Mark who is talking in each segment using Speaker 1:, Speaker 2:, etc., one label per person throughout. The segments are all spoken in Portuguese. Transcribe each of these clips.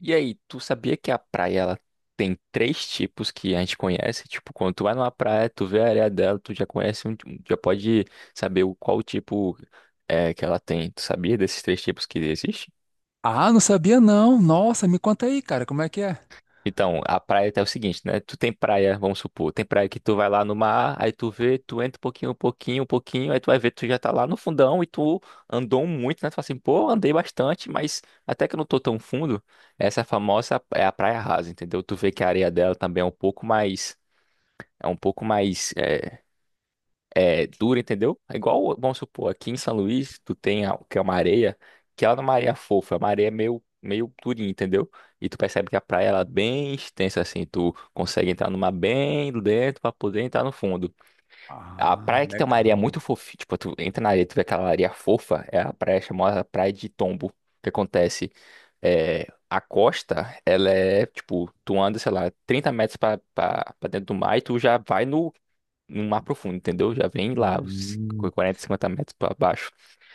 Speaker 1: E aí, tu sabia que a praia ela tem três tipos que a gente conhece? Tipo, quando tu vai numa praia, tu vê a areia dela, tu já conhece, já pode saber o qual o tipo é que ela tem. Tu sabia desses três tipos que existem?
Speaker 2: Ah, não sabia não. Nossa, me conta aí, cara, como é que é?
Speaker 1: Então, a praia é o seguinte, né? Tu tem praia, vamos supor, tem praia que tu vai lá no mar, aí tu vê, tu entra um pouquinho, um pouquinho, um pouquinho, aí tu vai ver, tu já tá lá no fundão e tu andou muito, né? Tu fala assim, pô, andei bastante, mas até que eu não tô tão fundo, essa famosa é a praia rasa, entendeu? Tu vê que a areia dela também é um pouco mais, é um pouco mais dura, entendeu? É igual, vamos supor, aqui em São Luís, que é uma areia, que ela não é uma areia fofa, é uma areia meio, meio durinha, entendeu? E tu percebe que a praia ela é bem extensa, assim, tu consegue entrar numa bem do dentro pra poder entrar no fundo. A
Speaker 2: Ah,
Speaker 1: praia que tem uma areia
Speaker 2: legal.
Speaker 1: muito fofinha, tipo, tu entra na areia, tu vê aquela areia fofa, é a praia chamada Praia de Tombo. O que acontece? É, a costa, ela é, tipo, tu anda, sei lá, 30 metros pra dentro do mar e tu já vai no mar profundo, entendeu? Já vem lá, os
Speaker 2: Hum,
Speaker 1: 40, 50 metros para baixo.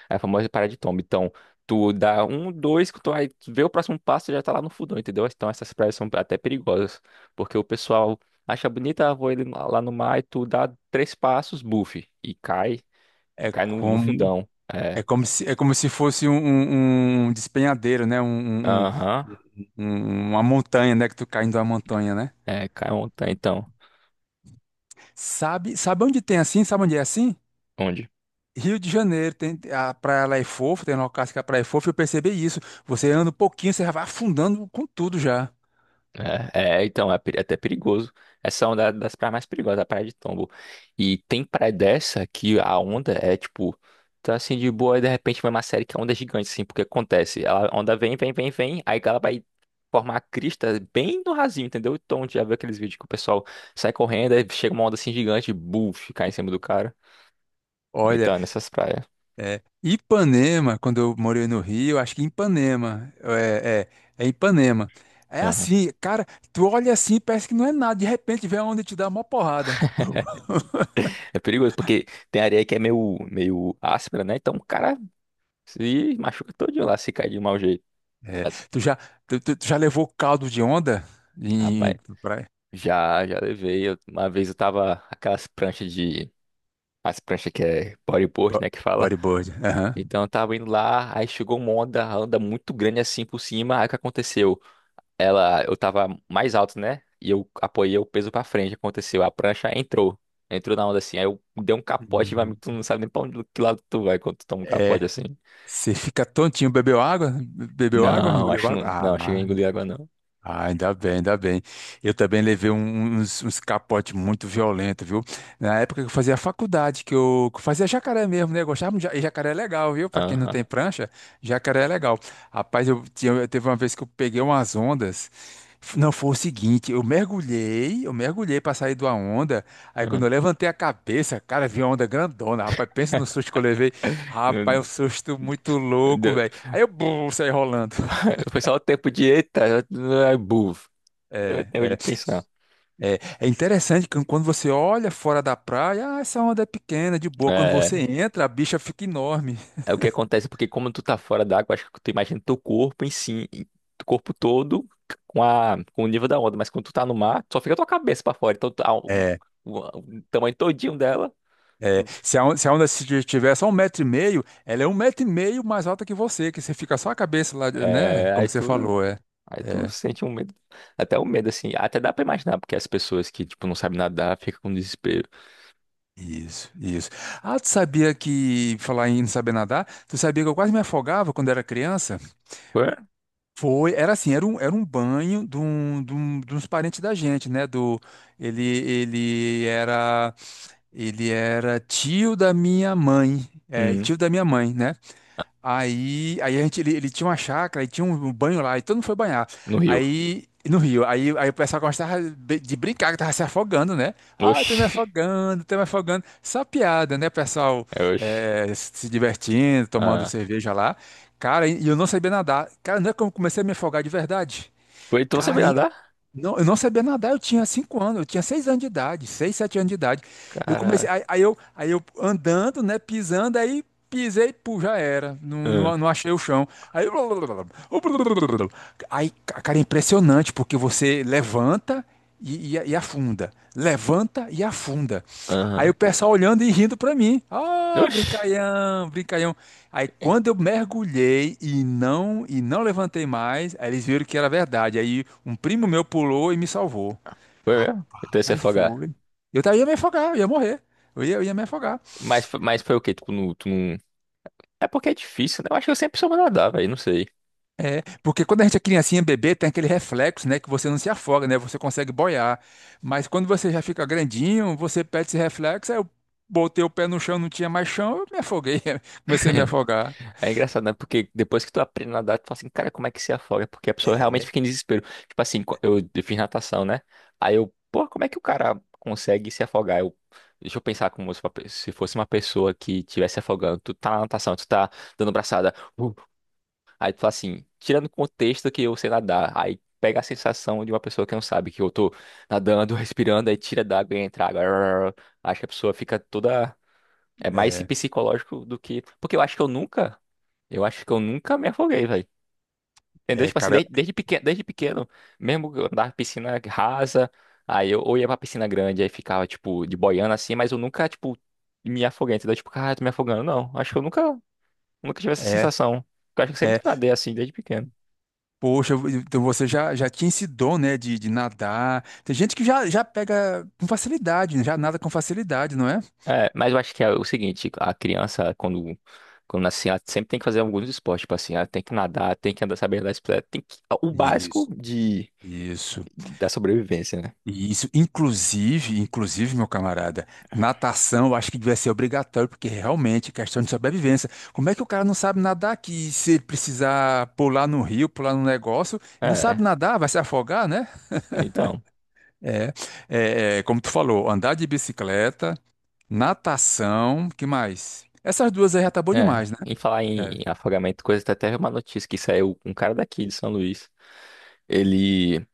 Speaker 1: É a famosa parada de tomba. Então, tu dá um, dois, que tu vai ver o próximo passo e já tá lá no fundão, entendeu? Então, essas praias são até perigosas, porque o pessoal acha bonita, ah, vou ele lá no mar e tu dá três passos, buff, e
Speaker 2: é
Speaker 1: cai no
Speaker 2: como
Speaker 1: fundão. É,
Speaker 2: é como se fosse um despenhadeiro, né? Um, um-
Speaker 1: aham,
Speaker 2: um- uma montanha, né? Que tu caindo uma montanha, né?
Speaker 1: é, cai ontem, então.
Speaker 2: Sabe onde tem assim? Sabe onde é assim?
Speaker 1: Onde?
Speaker 2: Rio de Janeiro tem a praia lá é fofa, tem locais que a praia é fofa. Eu percebi isso. Você anda um pouquinho, você já vai afundando com tudo já.
Speaker 1: Então, é é até perigoso. Essa onda é uma das praias mais perigosas, a praia de Tombo. E tem praia dessa que a onda é tipo, tá assim de boa, e de repente vai uma série que a onda é gigante, assim, porque acontece. Ela, a onda vem, vem, vem, vem, aí ela vai formar a crista bem no rasinho, entendeu? Então, já viu aqueles vídeos que o pessoal sai correndo, aí chega uma onda assim gigante, buf, cai em cima do cara.
Speaker 2: Olha.
Speaker 1: Então, é nessas praias.
Speaker 2: É, Ipanema, quando eu morei no Rio, acho que Ipanema, é Ipanema. É
Speaker 1: Aham.
Speaker 2: assim, cara, tu olha assim, e parece que não é nada, de repente vem a onda e te dá uma porrada. Pô.
Speaker 1: É perigoso, porque tem areia que é meio, meio áspera, né? Então o cara se machuca todinho lá se cair de mau jeito.
Speaker 2: É, tu já, tu já levou caldo de onda em,
Speaker 1: Rapaz.
Speaker 2: em praia?
Speaker 1: Já, já levei. Uma vez eu tava aquelas pranchas de. As pranchas que é bodyboard,
Speaker 2: Bo-
Speaker 1: né? Que fala.
Speaker 2: Bodyboard, aham.
Speaker 1: Então eu tava indo lá, aí chegou uma onda, a onda muito grande assim por cima. Aí o que aconteceu? Ela, eu tava mais alto, né? E eu apoiei o peso pra frente. Aconteceu, a prancha entrou. Entrou na onda assim. Aí eu dei um capote, vai,
Speaker 2: Hum.
Speaker 1: tu não sabe nem pra onde, que lado tu vai quando tu toma um capote
Speaker 2: É,
Speaker 1: assim.
Speaker 2: você fica tontinho, bebeu água? Bebeu água?
Speaker 1: Não,
Speaker 2: Engoliu
Speaker 1: acho que
Speaker 2: água?
Speaker 1: não. Não, cheguei a
Speaker 2: Ah,
Speaker 1: engolir água, não.
Speaker 2: Ah, ainda bem, ainda bem. Eu também levei uns capotes muito violentos, viu? Na época que eu fazia faculdade, que eu fazia jacaré mesmo, né? Eu gostava de e jacaré é legal, viu? Pra quem não
Speaker 1: Aham.
Speaker 2: tem prancha, jacaré é legal. Rapaz, teve uma vez que eu peguei umas ondas. Não, foi o seguinte, eu mergulhei pra sair de uma onda. Aí quando
Speaker 1: Aham.
Speaker 2: eu levantei a cabeça, cara, vi uma onda grandona. Rapaz, pensa no susto que eu levei. Rapaz,
Speaker 1: Não-
Speaker 2: um susto muito louco,
Speaker 1: deu-
Speaker 2: velho. Aí eu bum, saí rolando.
Speaker 1: Foi só o tempo de eita, buf. Deu
Speaker 2: É.
Speaker 1: tempo de
Speaker 2: É.
Speaker 1: pensar.
Speaker 2: É, é interessante que quando você olha fora da praia, ah, essa onda é pequena, de boa. Quando você
Speaker 1: É,
Speaker 2: entra, a bicha fica enorme.
Speaker 1: é o que acontece, porque como tu tá fora d'água, acho que tu imagina teu corpo em si, teu corpo todo com, a, com o nível da onda, mas quando tu tá no mar, só fica tua cabeça pra fora, então
Speaker 2: É,
Speaker 1: o tamanho todinho dela,
Speaker 2: é,
Speaker 1: tu-
Speaker 2: se a onda, se a onda se só 1,5 m, ela é um metro e meio mais alta que você fica só a cabeça lá, né?
Speaker 1: é,
Speaker 2: Como você falou, é.
Speaker 1: aí tu
Speaker 2: É,
Speaker 1: sente um medo, até o medo assim, até dá pra imaginar, porque as pessoas que, tipo, não sabem nadar, ficam com desespero.
Speaker 2: isso, isso. Ah, tu sabia que, falar em não saber nadar, tu sabia que eu quase me afogava quando era criança?
Speaker 1: Ué?
Speaker 2: Foi, era assim, era um banho de uns parentes da gente, né? Ele, ele era, ele era tio da minha mãe, é,
Speaker 1: Hum,
Speaker 2: tio da minha mãe, né? Aí, ele tinha uma chácara, e tinha um banho lá, e todo mundo foi banhar.
Speaker 1: no rio.
Speaker 2: Aí, no rio, aí o pessoal gostava de brincar, que tava se afogando, né? Ah, tô
Speaker 1: Oxi,
Speaker 2: me afogando, tô me afogando. Só piada, né? O pessoal
Speaker 1: é, oxi.
Speaker 2: se divertindo, tomando
Speaker 1: Ah.
Speaker 2: cerveja lá. Cara, e eu não sabia nadar. Cara, não é como eu comecei a me afogar de verdade.
Speaker 1: Ué, tu não sabe
Speaker 2: Cara,
Speaker 1: nadar?
Speaker 2: não, eu não sabia nadar, eu tinha 5 anos, eu tinha 6 anos de idade, seis, sete anos de idade. Eu comecei,
Speaker 1: Caraca.
Speaker 2: aí eu andando, né, pisando, aí pisei, pô, já era, não,
Speaker 1: Ah,
Speaker 2: não, não achei o chão. Aí, aí, cara, é impressionante, porque você levanta e afunda. Levanta e afunda. Aí o
Speaker 1: aham.
Speaker 2: pessoal olhando e rindo para mim. Ah,
Speaker 1: Oxi.
Speaker 2: brincalhão, brincalhão. Aí quando eu mergulhei e não levantei mais, aí eles viram que era verdade. Aí um primo meu pulou e me salvou.
Speaker 1: Foi mesmo? Então ia se
Speaker 2: Rapaz,
Speaker 1: afogar.
Speaker 2: foi. Ia me afogar, eu ia morrer. Eu ia me afogar.
Speaker 1: Mas, mas foi o quê? Tipo, no, tu não. É porque é difícil, né? Eu acho que eu sempre soube nadar, velho. Não sei.
Speaker 2: É, porque quando a gente é criancinha, bebê, tem aquele reflexo, né, que você não se afoga, né, você consegue boiar. Mas quando você já fica grandinho, você perde esse reflexo, aí eu botei o pé no chão, não tinha mais chão, eu me afoguei, comecei a me afogar.
Speaker 1: É engraçado, né? Porque depois que tu aprende a nadar, tu fala assim, cara, como é que se afoga? É porque a pessoa realmente
Speaker 2: É,
Speaker 1: fica em desespero. Tipo assim, eu fiz natação, né? Aí eu, pô, como é que o cara consegue se afogar? Eu, deixa eu pensar como se uma se fosse uma pessoa que estivesse afogando. Tu tá na natação, tu tá dando braçada. Uh. Aí tu fala assim, tirando o contexto que eu sei nadar, aí pega a sensação de uma pessoa que não sabe, que eu tô nadando, respirando, aí tira d'água e entra água. Arr. Acho que a pessoa fica toda. É mais
Speaker 2: é,
Speaker 1: psicológico do que. Porque eu acho que eu nunca. Eu acho que eu nunca me afoguei, velho. Entendeu?
Speaker 2: é,
Speaker 1: Tipo assim,
Speaker 2: cara,
Speaker 1: desde pequeno, mesmo que eu andava em piscina rasa, aí eu ou ia pra piscina grande, aí ficava, tipo, de boiando assim, mas eu nunca, tipo, me afoguei, entendeu? Tipo, cara, tô me afogando. Não, acho que eu nunca tive essa
Speaker 2: é,
Speaker 1: sensação. Porque eu acho que eu sempre
Speaker 2: é.
Speaker 1: nadei assim, desde pequeno.
Speaker 2: Poxa, então você já tinha esse dom, né, de nadar. Tem gente que já pega com facilidade, né, já nada com facilidade, não é?
Speaker 1: É, mas eu acho que é o seguinte, a criança, quando nasce, ela sempre tem que fazer alguns esportes, tipo assim, ela tem que nadar, tem que andar, saber andar de bicicleta, tem que, o básico
Speaker 2: Isso.
Speaker 1: de,
Speaker 2: Isso.
Speaker 1: da sobrevivência, né?
Speaker 2: E isso, inclusive, meu camarada, natação eu acho que devia ser obrigatório, porque realmente é questão de sobrevivência. Como é que o cara não sabe nadar que se ele precisar pular no rio, pular no negócio, e não sabe
Speaker 1: É,
Speaker 2: nadar, vai se afogar, né?
Speaker 1: então,
Speaker 2: É, é, é, como tu falou, andar de bicicleta, natação, que mais? Essas duas aí já tá bom
Speaker 1: é,
Speaker 2: demais, né?
Speaker 1: em falar
Speaker 2: É.
Speaker 1: em afogamento, coisa, tá até uma notícia que saiu, um cara daqui de São Luís, ele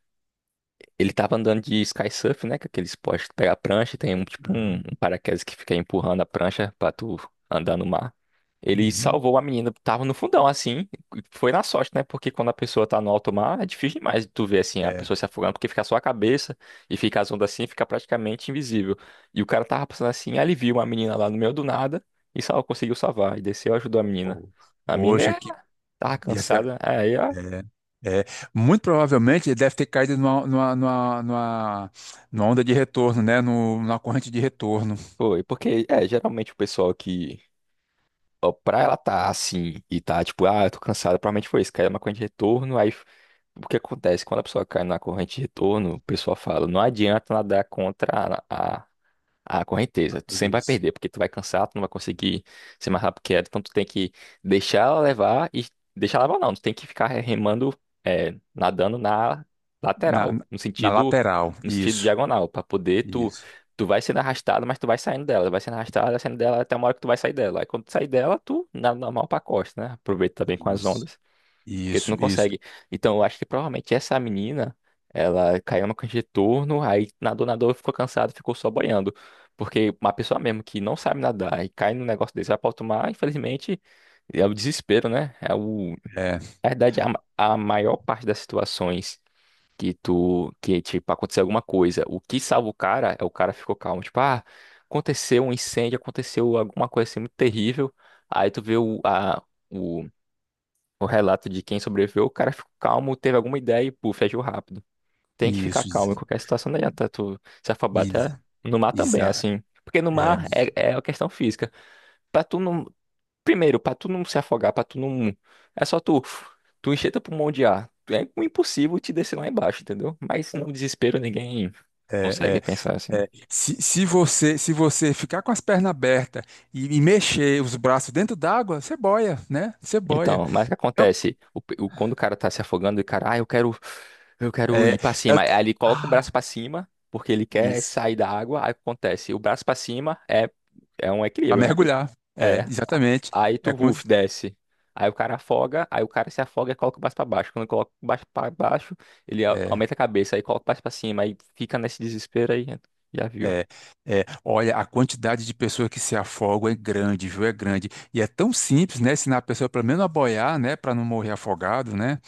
Speaker 1: Ele tava andando de sky surf, né? Que é aquele esporte que tu pega a prancha e tem um tipo um, um paraquedas que fica empurrando a prancha pra tu andar no mar. Ele
Speaker 2: Uhum.
Speaker 1: salvou a menina, tava no fundão assim, e foi na sorte, né? Porque quando a pessoa tá no alto mar, é difícil demais de tu ver assim a
Speaker 2: É,
Speaker 1: pessoa se afogando, porque fica só a cabeça e fica as ondas assim, fica praticamente invisível. E o cara tava passando assim, aí ele viu uma menina lá no meio do nada e só conseguiu salvar e desceu e ajudou a menina.
Speaker 2: pô.
Speaker 1: A menina
Speaker 2: Poxa,
Speaker 1: é,
Speaker 2: que
Speaker 1: tava
Speaker 2: ia ser,
Speaker 1: cansada, aí ó,
Speaker 2: é, é, muito provavelmente ele deve ter caído numa onda de retorno, né? No, Numa corrente de retorno.
Speaker 1: foi, porque é geralmente o pessoal que ó, pra ela tá assim e tá tipo, ah, eu tô cansada, provavelmente foi isso, caiu na corrente de retorno, aí o que acontece? Quando a pessoa cai na corrente de retorno, o pessoal fala, não adianta nadar contra a correnteza. Tu sempre vai
Speaker 2: Isso.
Speaker 1: perder, porque tu vai cansar, tu não vai conseguir ser mais rápido que ela. Então tu tem que deixar ela levar e deixar ela levar não. Tu tem que ficar remando, é, nadando na
Speaker 2: Na,
Speaker 1: lateral, no
Speaker 2: na
Speaker 1: sentido,
Speaker 2: lateral.
Speaker 1: no sentido
Speaker 2: Isso.
Speaker 1: diagonal, para poder tu
Speaker 2: Isso.
Speaker 1: tu vai sendo arrastado, mas tu vai saindo dela, vai sendo arrastado, vai saindo dela até uma hora que tu vai sair dela. Aí quando tu sair dela, tu nada normal pra costa, né? Aproveita também com as
Speaker 2: Isso.
Speaker 1: ondas. Porque tu
Speaker 2: Isso.
Speaker 1: não
Speaker 2: Isso.
Speaker 1: consegue. Então, eu acho que provavelmente essa menina, ela caiu no retorno, aí nadou, nadou, ficou cansada, ficou só boiando. Porque uma pessoa mesmo que não sabe nadar e cai num negócio desse, vai pra alto mar infelizmente, é o desespero, né? É o...
Speaker 2: É.
Speaker 1: Na verdade, a maior parte das situações que tu, que, tipo, aconteceu alguma coisa, o que salva o cara é o cara ficou calmo. Tipo, ah, aconteceu um incêndio, aconteceu alguma coisa assim muito terrível. Aí tu vê o relato de quem sobreviveu, o cara ficou calmo, teve alguma ideia e, puf, agiu rápido. Tem que ficar
Speaker 2: Isso.
Speaker 1: calmo em qualquer situação, não adianta tu se afobar até
Speaker 2: Isso.
Speaker 1: no mar também, é
Speaker 2: Exa-
Speaker 1: assim. Porque no
Speaker 2: É,
Speaker 1: mar é, é a questão física. Pra tu não. Primeiro, pra tu não se afogar, pra tu não. É só tu. Tu encher teu pulmão de ar. É impossível te descer lá embaixo, entendeu? Mas no desespero ninguém
Speaker 2: é,
Speaker 1: consegue pensar
Speaker 2: é,
Speaker 1: assim.
Speaker 2: é. Se você ficar com as pernas abertas e mexer os braços dentro d'água, você boia, né? Você boia.
Speaker 1: Então, mas o que
Speaker 2: É, o-
Speaker 1: acontece? Quando o cara tá se afogando, e o cara, ah, eu quero
Speaker 2: é,
Speaker 1: ir pra
Speaker 2: é o-
Speaker 1: cima. Aí ele coloca o
Speaker 2: ah,
Speaker 1: braço pra cima, porque ele quer
Speaker 2: isso.
Speaker 1: sair da água. Aí o que acontece? O braço pra cima é, é um
Speaker 2: Para
Speaker 1: equilíbrio, né?
Speaker 2: mergulhar. É,
Speaker 1: É. A-
Speaker 2: exatamente.
Speaker 1: Aí
Speaker 2: É,
Speaker 1: tu, uf, desce. Aí o cara afoga, aí o cara se afoga e coloca o braço pra baixo. Quando coloca o braço pra baixo, ele
Speaker 2: é,
Speaker 1: aumenta a cabeça, aí coloca o braço pra cima, aí fica nesse desespero aí. Já viu?
Speaker 2: é, é. Olha, a quantidade de pessoas que se afogam é grande, viu? É grande. E é tão simples, né? Ensinar a pessoa pelo menos a boiar, né? Para não morrer afogado, né?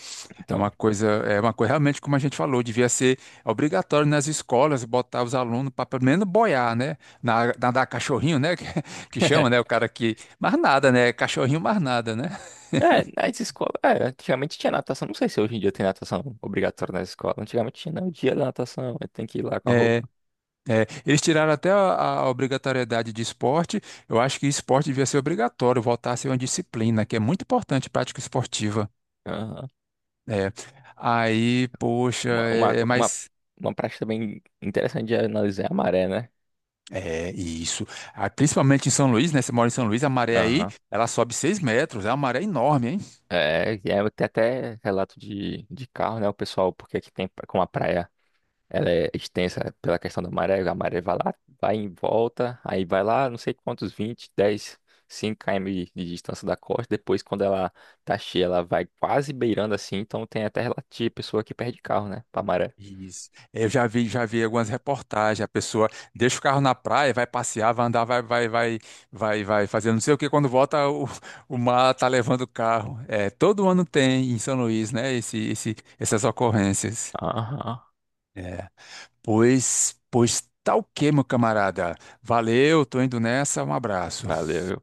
Speaker 2: É
Speaker 1: Então.
Speaker 2: uma coisa, é uma coisa realmente como a gente falou, devia ser obrigatório nas escolas botar os alunos para pelo menos boiar, né? Nadar cachorrinho, né? Que chama, né? O cara que mais nada, né? Cachorrinho mais nada, né?
Speaker 1: É, nas escolas, é, antigamente tinha natação. Não sei se hoje em dia tem natação obrigatória na escola. Antigamente tinha, não, o dia da natação, aí tem que ir lá com a
Speaker 2: É,
Speaker 1: roupa.
Speaker 2: Eles tiraram até a obrigatoriedade de esporte. Eu acho que esporte devia ser obrigatório, voltar a ser uma disciplina, que é muito importante, prática esportiva.
Speaker 1: Aham.
Speaker 2: É. Aí, poxa,
Speaker 1: Uma, uma,
Speaker 2: é
Speaker 1: uma,
Speaker 2: mais.
Speaker 1: uma prática bem interessante de analisar é a maré, né?
Speaker 2: É isso. Ah, principalmente em São Luís, né? Você mora em São Luís, a maré aí,
Speaker 1: Aham.
Speaker 2: ela sobe 6 m, é uma maré enorme, hein.
Speaker 1: É, e aí tem até relato de carro, né? O pessoal, porque aqui tem com a praia. Ela é extensa pela questão da maré. A maré vai lá, vai em volta, aí vai lá, não sei quantos, 20 10 5 km de distância da costa. Depois, quando ela tá cheia, ela vai quase beirando assim. Então, tem até relativo pessoa que perde carro, né? Pra maré.
Speaker 2: Isso. Eu já vi algumas reportagens, a pessoa deixa o carro na praia, vai passear, vai andar, vai fazer não sei o que, quando volta o mar tá levando o carro. É, todo ano tem em São Luís, né, essas ocorrências.
Speaker 1: Aham,
Speaker 2: É. Pois tá o quê, meu camarada? Valeu, tô indo nessa, um abraço.
Speaker 1: valeu.